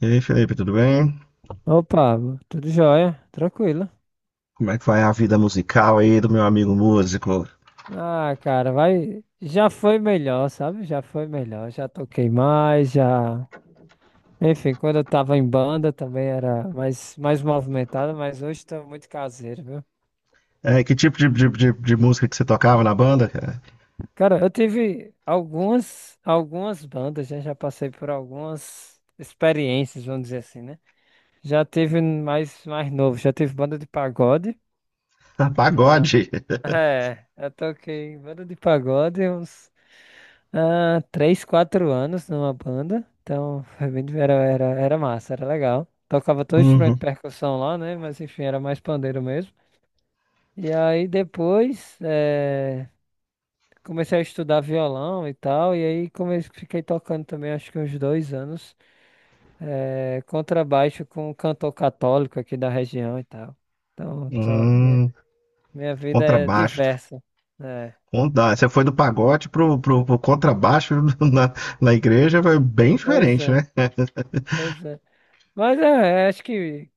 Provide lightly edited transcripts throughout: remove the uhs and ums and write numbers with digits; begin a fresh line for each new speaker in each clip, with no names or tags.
E aí, Felipe, tudo bem?
Opa, tudo jóia, tranquilo.
Como é que vai a vida musical aí do meu amigo músico?
Ah, cara, vai. Já foi melhor, sabe? Já foi melhor. Já toquei mais, já. Enfim, quando eu tava em banda também era mais movimentado, mas hoje tô muito caseiro, viu?
Que tipo de música que você tocava na banda, cara?
Cara, eu tive algumas bandas, já passei por algumas experiências, vamos dizer assim, né? Já tive mais novo, já tive banda de pagode. Já...
Pagode.
É, eu toquei em banda de pagode uns, 3, 4 anos numa banda. Então, foi bem, era massa, era legal. Tocava todo instrumento de
Uhum.
percussão lá, né? Mas enfim, era mais pandeiro mesmo. E aí depois, comecei a estudar violão e tal. E aí comecei, fiquei tocando também, acho que uns 2 anos, contrabaixo com um cantor católico aqui da região e tal. Então,
Hum,
minha vida é
contrabaixo.
diversa. É,
Você foi do pagode pro contrabaixo na, na igreja, foi bem
pois
diferente,
é,
né?
pois é. Mas é, acho que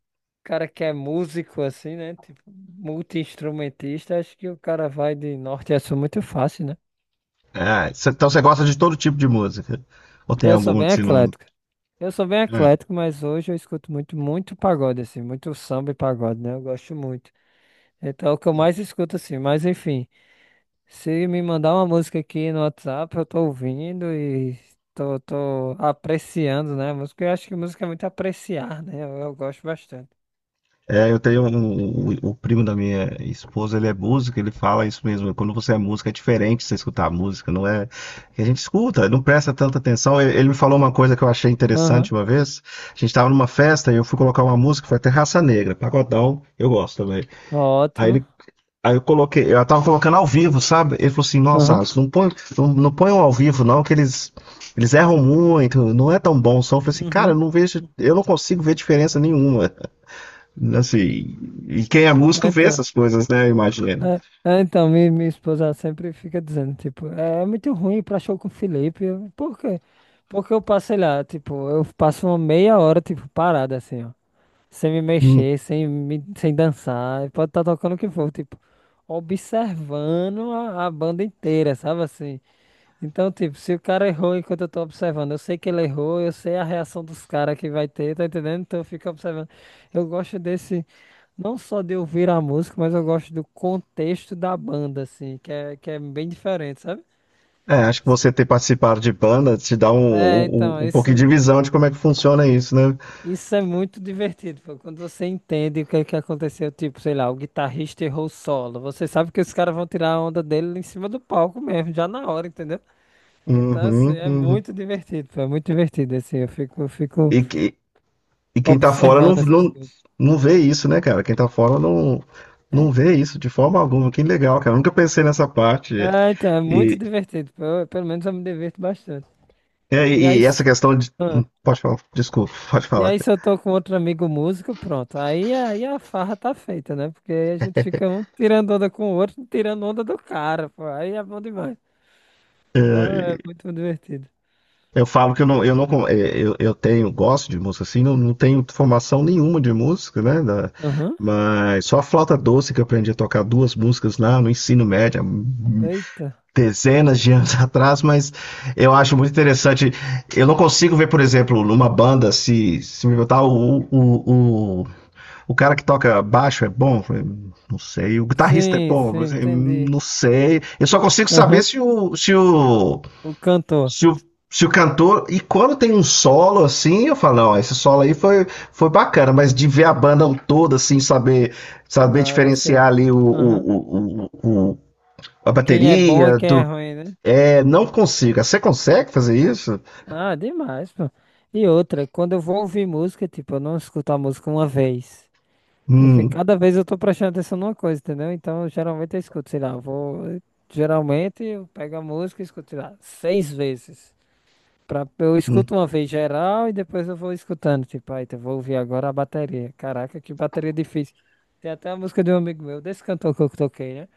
cara que é músico assim, né? Tipo, multi-instrumentista, acho que o cara vai de norte a sul muito fácil, né?
Ah, então você gosta de todo tipo de música? Ou tem
Eu sou
alguma
bem
que você não.
eclético. Eu sou bem
Né?
eclético, mas hoje eu escuto muito, muito pagode, assim, muito samba e pagode, né? Eu gosto muito. Então é o que eu mais escuto, assim, mas enfim, se me mandar uma música aqui no WhatsApp, eu tô ouvindo e tô apreciando, né? A música, eu acho que música é muito apreciar, né? Eu gosto bastante.
É, eu tenho o primo da minha esposa, ele é músico, ele fala isso mesmo. Quando você é músico, é diferente você escutar a música, não é? Que a gente escuta, não presta tanta atenção. Ele me falou uma coisa que eu achei interessante
Aham.
uma vez. A gente estava numa festa e eu fui colocar uma música, foi até Raça Negra, pagodão, eu gosto também. Aí
Ótimo.
ele. Aí eu coloquei, eu tava colocando ao vivo, sabe? Ele falou assim, nossa,
Aham.
Alisson, não põe, não ponham ao vivo, não, que eles erram muito, não é tão bom o som. Eu falei assim, cara, eu
Uhum.
não vejo, eu não consigo ver diferença nenhuma. Assim, e quem é
É,
músico vê
Então,
essas coisas, né? Imagina.
é, minha esposa sempre fica dizendo, tipo, é muito ruim ir pra show com o Felipe. Por quê? Porque eu passo, sei lá, tipo, eu passo uma meia hora, tipo, parada assim, ó. Sem me
Hum.
mexer, sem dançar. Pode estar tocando o que for, tipo, observando a banda inteira, sabe assim? Então, tipo, se o cara errou enquanto eu tô observando, eu sei que ele errou, eu sei a reação dos caras que vai ter, tá entendendo? Então eu fico observando. Eu gosto desse, não só de ouvir a música, mas eu gosto do contexto da banda, assim, que é bem diferente, sabe?
É, acho que você ter participado de banda te dá um,
É,
um,
então,
um pouquinho
isso,
de visão de como é que funciona isso, né?
isso é muito divertido, pô. Quando você entende o que é que aconteceu, tipo, sei lá, o guitarrista errou o solo, você sabe que os caras vão tirar a onda dele em cima do palco mesmo, já na hora, entendeu? Então, assim,
Uhum,
é
uhum.
muito divertido, pô, é muito divertido, assim, eu fico
E, que- e quem tá fora não,
observando essas
não,
coisas.
não vê isso, né, cara? Quem tá fora não,
É,
não vê isso de forma alguma. Que legal, cara. Eu nunca pensei nessa parte.
então, é muito
E,
divertido. Pelo menos eu me diverto bastante. E aí,
e essa
se-
questão de.
ah,
Pode falar, desculpa, pode
e
falar.
aí se eu tô com outro amigo músico, pronto. Aí a farra tá feita, né? Porque aí a gente fica um tirando onda com o outro, tirando onda do cara, pô. Aí é bom demais. Ah, é muito divertido.
Eu falo que eu não, con- eh, eu tenho, gosto de música assim, não tenho formação nenhuma de música, né?
Aham.
Mas só a flauta doce que eu aprendi a tocar duas músicas lá no ensino médio, há
Eita.
dezenas de anos atrás, mas eu acho muito interessante. Eu não consigo ver, por exemplo, numa banda, se me botar o cara que toca baixo é bom, não sei, o guitarrista é
Sim,
bom,
sim, entendi.
não sei. Eu só consigo saber
Aham.
se o
O cantor.
se o, se o cantor. E quando tem um solo assim, eu falo, não, esse solo foi bacana, mas de ver a banda toda, assim, saber, saber
Ah, é
diferenciar
você.
ali
Aham.
a
Quem é bom e
bateria
quem é
do.
ruim, né?
É, não consigo. Você consegue fazer isso?
Ah, demais, pô. E outra, quando eu vou ouvir música, tipo, eu não escuto a música uma vez. Porque
Hum,
cada vez eu tô prestando atenção numa coisa, entendeu? Então, geralmente eu escuto, sei lá, eu vou. Geralmente eu pego a música e escuto, sei lá, seis vezes. Pra, eu
hum.
escuto uma vez geral e depois eu vou escutando. Tipo, aí, eu vou ouvir agora a bateria. Caraca, que bateria difícil. Tem até a música de um amigo meu, desse cantor que eu toquei, né?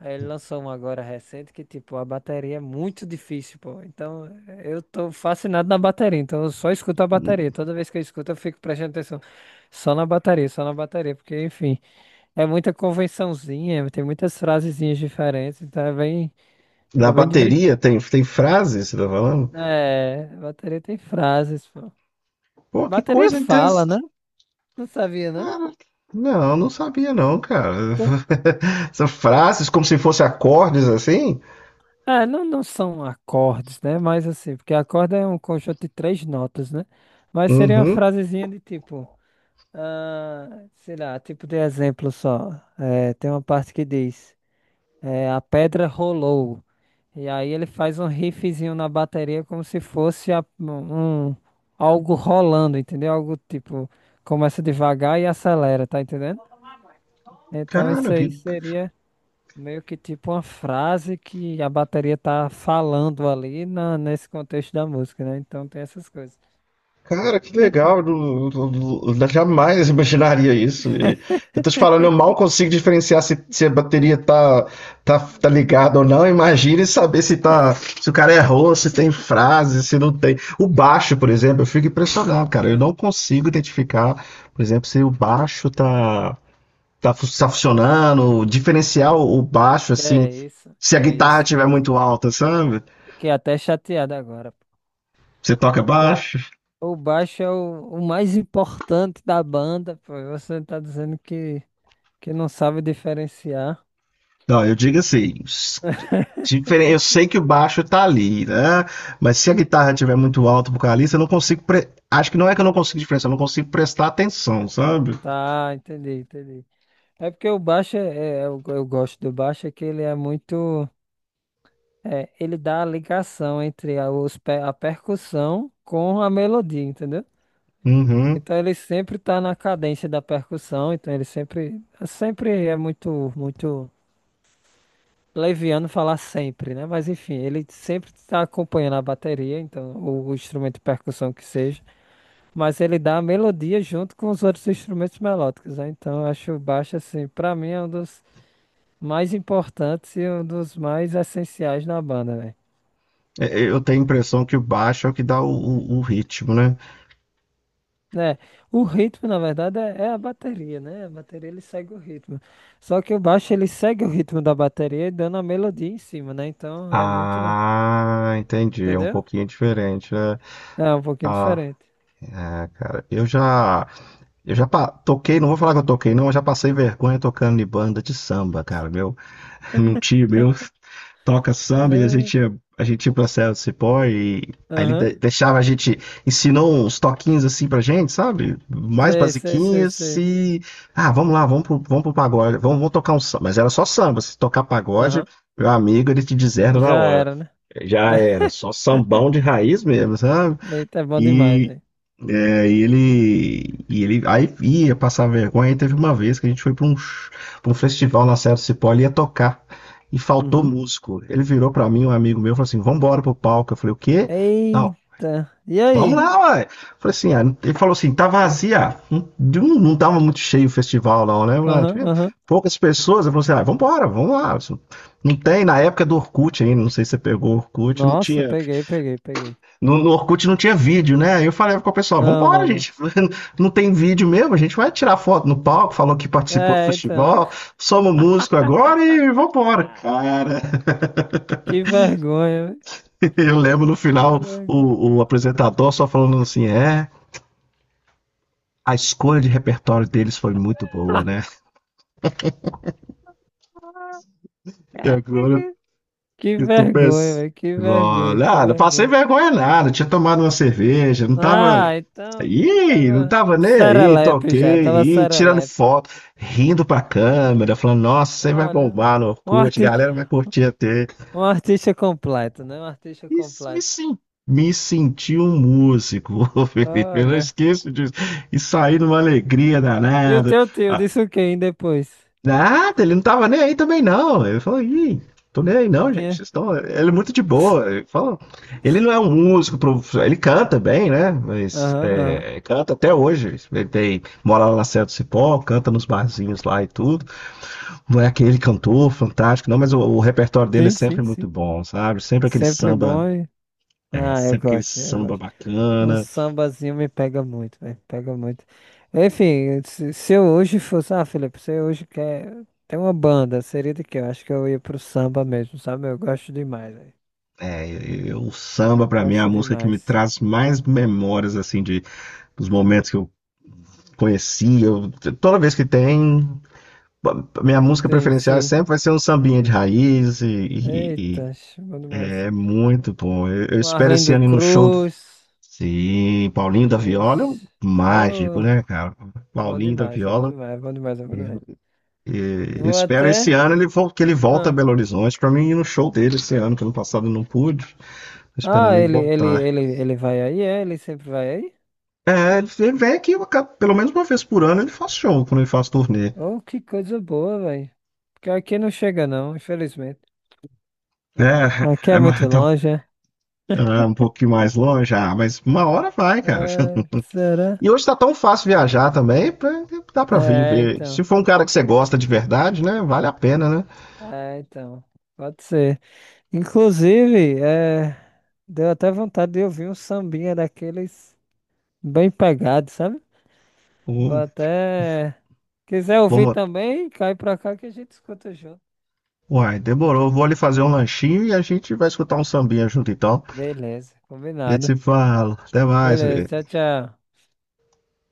Aí ele lançou um agora recente que, tipo, a bateria é muito difícil, pô. Então, eu tô fascinado na bateria. Então, eu só escuto a bateria. Toda vez que eu escuto, eu fico prestando atenção só na bateria, só na bateria. Porque, enfim, é muita convençãozinha, tem muitas frasezinhas diferentes. Então, é bem, é
Na
bem divertido.
bateria tem, tem frase, você tá falando?
É, bateria tem frases, pô.
Pô, que
Bateria
coisa
fala,
interessante.
né? Não sabia, não?
Cara, não, não sabia não, cara.
Tô-
São frases como se fossem acordes assim?
É, não, não são acordes, né? Mas assim, porque acorde é um conjunto de três notas, né? Mas seria uma
Uhum.
frasezinha de tipo. Ah, sei lá, tipo de exemplo só. É, tem uma parte que diz: é, a pedra rolou. E aí ele faz um riffzinho na bateria como se fosse um, algo rolando, entendeu? Algo tipo, começa devagar e acelera, tá entendendo? Então
Cara,
isso
que
aí seria meio que tipo uma frase que a bateria tá falando ali nesse contexto da música, né? Então tem essas coisas.
Cara, que legal, jamais imaginaria isso. E eu tô te falando, eu mal consigo diferenciar se, se a bateria tá, tá, tá ligada ou não. Imagine saber se tá, se o cara errou, se tem frase, se não tem. O baixo, por exemplo, eu fico impressionado, cara. Eu
É.
não consigo identificar, por exemplo, se o baixo tá, tá, fu- tá funcionando, diferenciar o baixo,
Que
assim,
é isso,
se
que
a
é
guitarra
isso, que
estiver
é isso.
muito alta, sabe?
Fiquei até chateado agora.
Você toca
O,
baixo?
o baixo é o mais importante da banda, pô. Você tá dizendo que não sabe diferenciar.
Não, eu digo assim. Diferen. Eu sei que o baixo tá ali, né? Mas se a guitarra estiver muito alto pro vocalista, eu não consigo. Acho que não é que eu não consigo diferenciar, eu não consigo prestar atenção, sabe?
Tá, entendi, entendi. É porque o baixo, eu gosto do baixo, é que ele é muito. Ele dá a ligação entre a percussão com a melodia, entendeu?
Uhum.
Então ele sempre tá na cadência da percussão, então ele sempre é muito, muito. Leviano falar sempre, né? Mas enfim, ele sempre está acompanhando a bateria, então, ou o instrumento de percussão que seja, mas ele dá a melodia junto com os outros instrumentos melódicos, né? Então, eu acho o baixo, assim, pra mim é um dos mais importantes e um dos mais essenciais na banda, velho.
Eu tenho a impressão que o baixo é o que dá o ritmo, né?
Né? É, o ritmo, na verdade, é a bateria, né? A bateria ele segue o ritmo. Só que o baixo ele segue o ritmo da bateria e dando a melodia em cima, né? Então é muito,
Ah, entendi. É um
entendeu?
pouquinho diferente, né?
É um pouquinho
Ah,
diferente.
é, cara. Toquei, não vou falar que eu toquei, não, eu já passei vergonha tocando em banda de samba, cara, meu. Num tio meu. Toca samba e
É,
a gente ia pra Serra do Cipó e aí ele
aham.
deixava a gente, ensinou uns toquinhos assim pra gente, sabe? Mais
Sei, sei, sei,
basiquinhos
sei.
e, ah, vamos lá, vamos pro pagode, vamos, vamos tocar um samba. Mas era só samba, se tocar pagode,
Aham.
meu amigo, ele te deserda na
Já
hora.
era, né?
Já era, só sambão de raiz mesmo, sabe?
Eita, é bom demais,
E,
velho.
e ele, e ele aí ia passar vergonha. Aí teve uma vez que a gente foi para pra um festival na Serra do Cipó, ele ia tocar e faltou
Uhum.
músico. Ele virou para mim, um amigo meu, falou assim: vamos embora pro palco. Eu falei: o quê? Não,
Eita. E
vamos
aí?
lá, ué. Eu Falei assim: ah, ele falou assim: tá vazia. Não, não tava muito cheio o festival, não, né? Lá
Aham,
tinha
aham.
poucas pessoas. Eu falei assim: ah, vamos embora, vamos lá. Isso Não tem, na época do Orkut ainda, não sei se você pegou o Orkut, não
Nossa,
tinha
peguei, peguei, peguei.
no Orkut não tinha vídeo, né? Aí eu falei com o pessoal,
Não,
vambora,
não, não.
gente. Não tem vídeo mesmo, a gente vai tirar foto no palco, falou que participou do
É, então.
festival, somos músico agora e vambora. Cara,
Que vergonha, velho.
eu lembro no
Que
final
vergonha.
o apresentador só falando assim, é, a escolha de repertório deles foi muito boa, né? E agora
Caraca. Que
eu tô
vergonha,
pensando.
velho. Que vergonha,
Olha,
que
ah, não passei
vergonha.
vergonha nada, tinha tomado uma cerveja, não tava.
Ah, então
Ih, não
tava
tava nem aí,
serelepe já, tava
toquei, ih, tirando
serelepe.
foto, rindo pra câmera, falando, nossa, você vai
Olha,
bombar no
um
Orkut, a galera vai curtir até.
Um artista completo, né? Um artista
E s- me,
completo.
sen- Me senti um músico, ô Felipe, eu não
Olha.
esqueço disso. E saí numa alegria
E o
danada.
teu tio disse o que aí depois?
Nada, ele não tava nem aí também, não. Ele falou, ih, tô nem aí
Já
não, gente.
tinha.
Vocês estão... Ele é muito de boa. Ele falou, ele não é um músico, ele canta bem, né? Mas
Aham, aham.
é, canta até hoje. Ele tem, mora lá na Serra do Cipó, canta nos barzinhos lá e tudo. Não é aquele cantor fantástico, não, mas o repertório dele é
Sim,
sempre
sim,
muito
sim.
bom, sabe? Sempre aquele
Sempre
samba.
bom.
É,
Ah, eu
sempre aquele
gosto, eu
samba
gosto. Um
bacana.
sambazinho me pega muito, velho. Pega muito. Enfim, se eu hoje fosse. Ah, Felipe, se eu hoje quer ter uma banda, seria de quê? Eu acho que eu ia pro samba mesmo, sabe? Eu gosto demais, velho.
É, e o samba, pra mim, é a
Gosto
música que me
demais,
traz mais memórias, assim, de, dos
cara.
momentos que eu conhecia. Toda vez que tem, minha música
Sim,
preferencial
sim.
sempre vai ser um sambinha de raiz e
Eita, bom demais.
é muito bom. Eu
Um
espero esse
Arlindo
ano ir no show do
Cruz.
sim, Paulinho da Viola é um
Mas.
mágico,
Oh,
né, cara?
bom
Paulinho da
demais, é bom
Viola.
demais, é bom demais, é bom demais.
E eu
Vou
espero esse
até.
ano ele que ele volta a
Ah,
Belo Horizonte para mim ir no show dele esse ano, que ano passado eu não pude. Tô
ah
esperando ele
ele, ele,
voltar.
ele, ele vai aí, é? Ele sempre vai aí?
É, ele ele vem aqui eu pelo menos uma vez por ano ele faz show quando ele faz turnê.
Oh, que coisa boa, velho. Porque aqui não chega, não, infelizmente. Aqui
É,
é muito
então
longe, é?
ah, um pouquinho mais longe, ah, mas uma hora vai, cara.
Ah, será?
E hoje tá tão fácil viajar também, dá pra vir
É,
ver.
então.
Se for um cara que você gosta de verdade, né? Vale a pena, né?
É, então. Pode ser. Inclusive, é. Deu até vontade de ouvir um sambinha daqueles bem pegados, sabe? Vou
Hum,
até. Quiser ouvir
vamos.
também, cai pra cá que a gente escuta junto.
Uai, demorou. Vou ali fazer um lanchinho e a gente vai escutar um sambinha junto então.
Beleza,
E a gente
combinado.
se fala. Até mais, né
Beleza, tchau, tchau.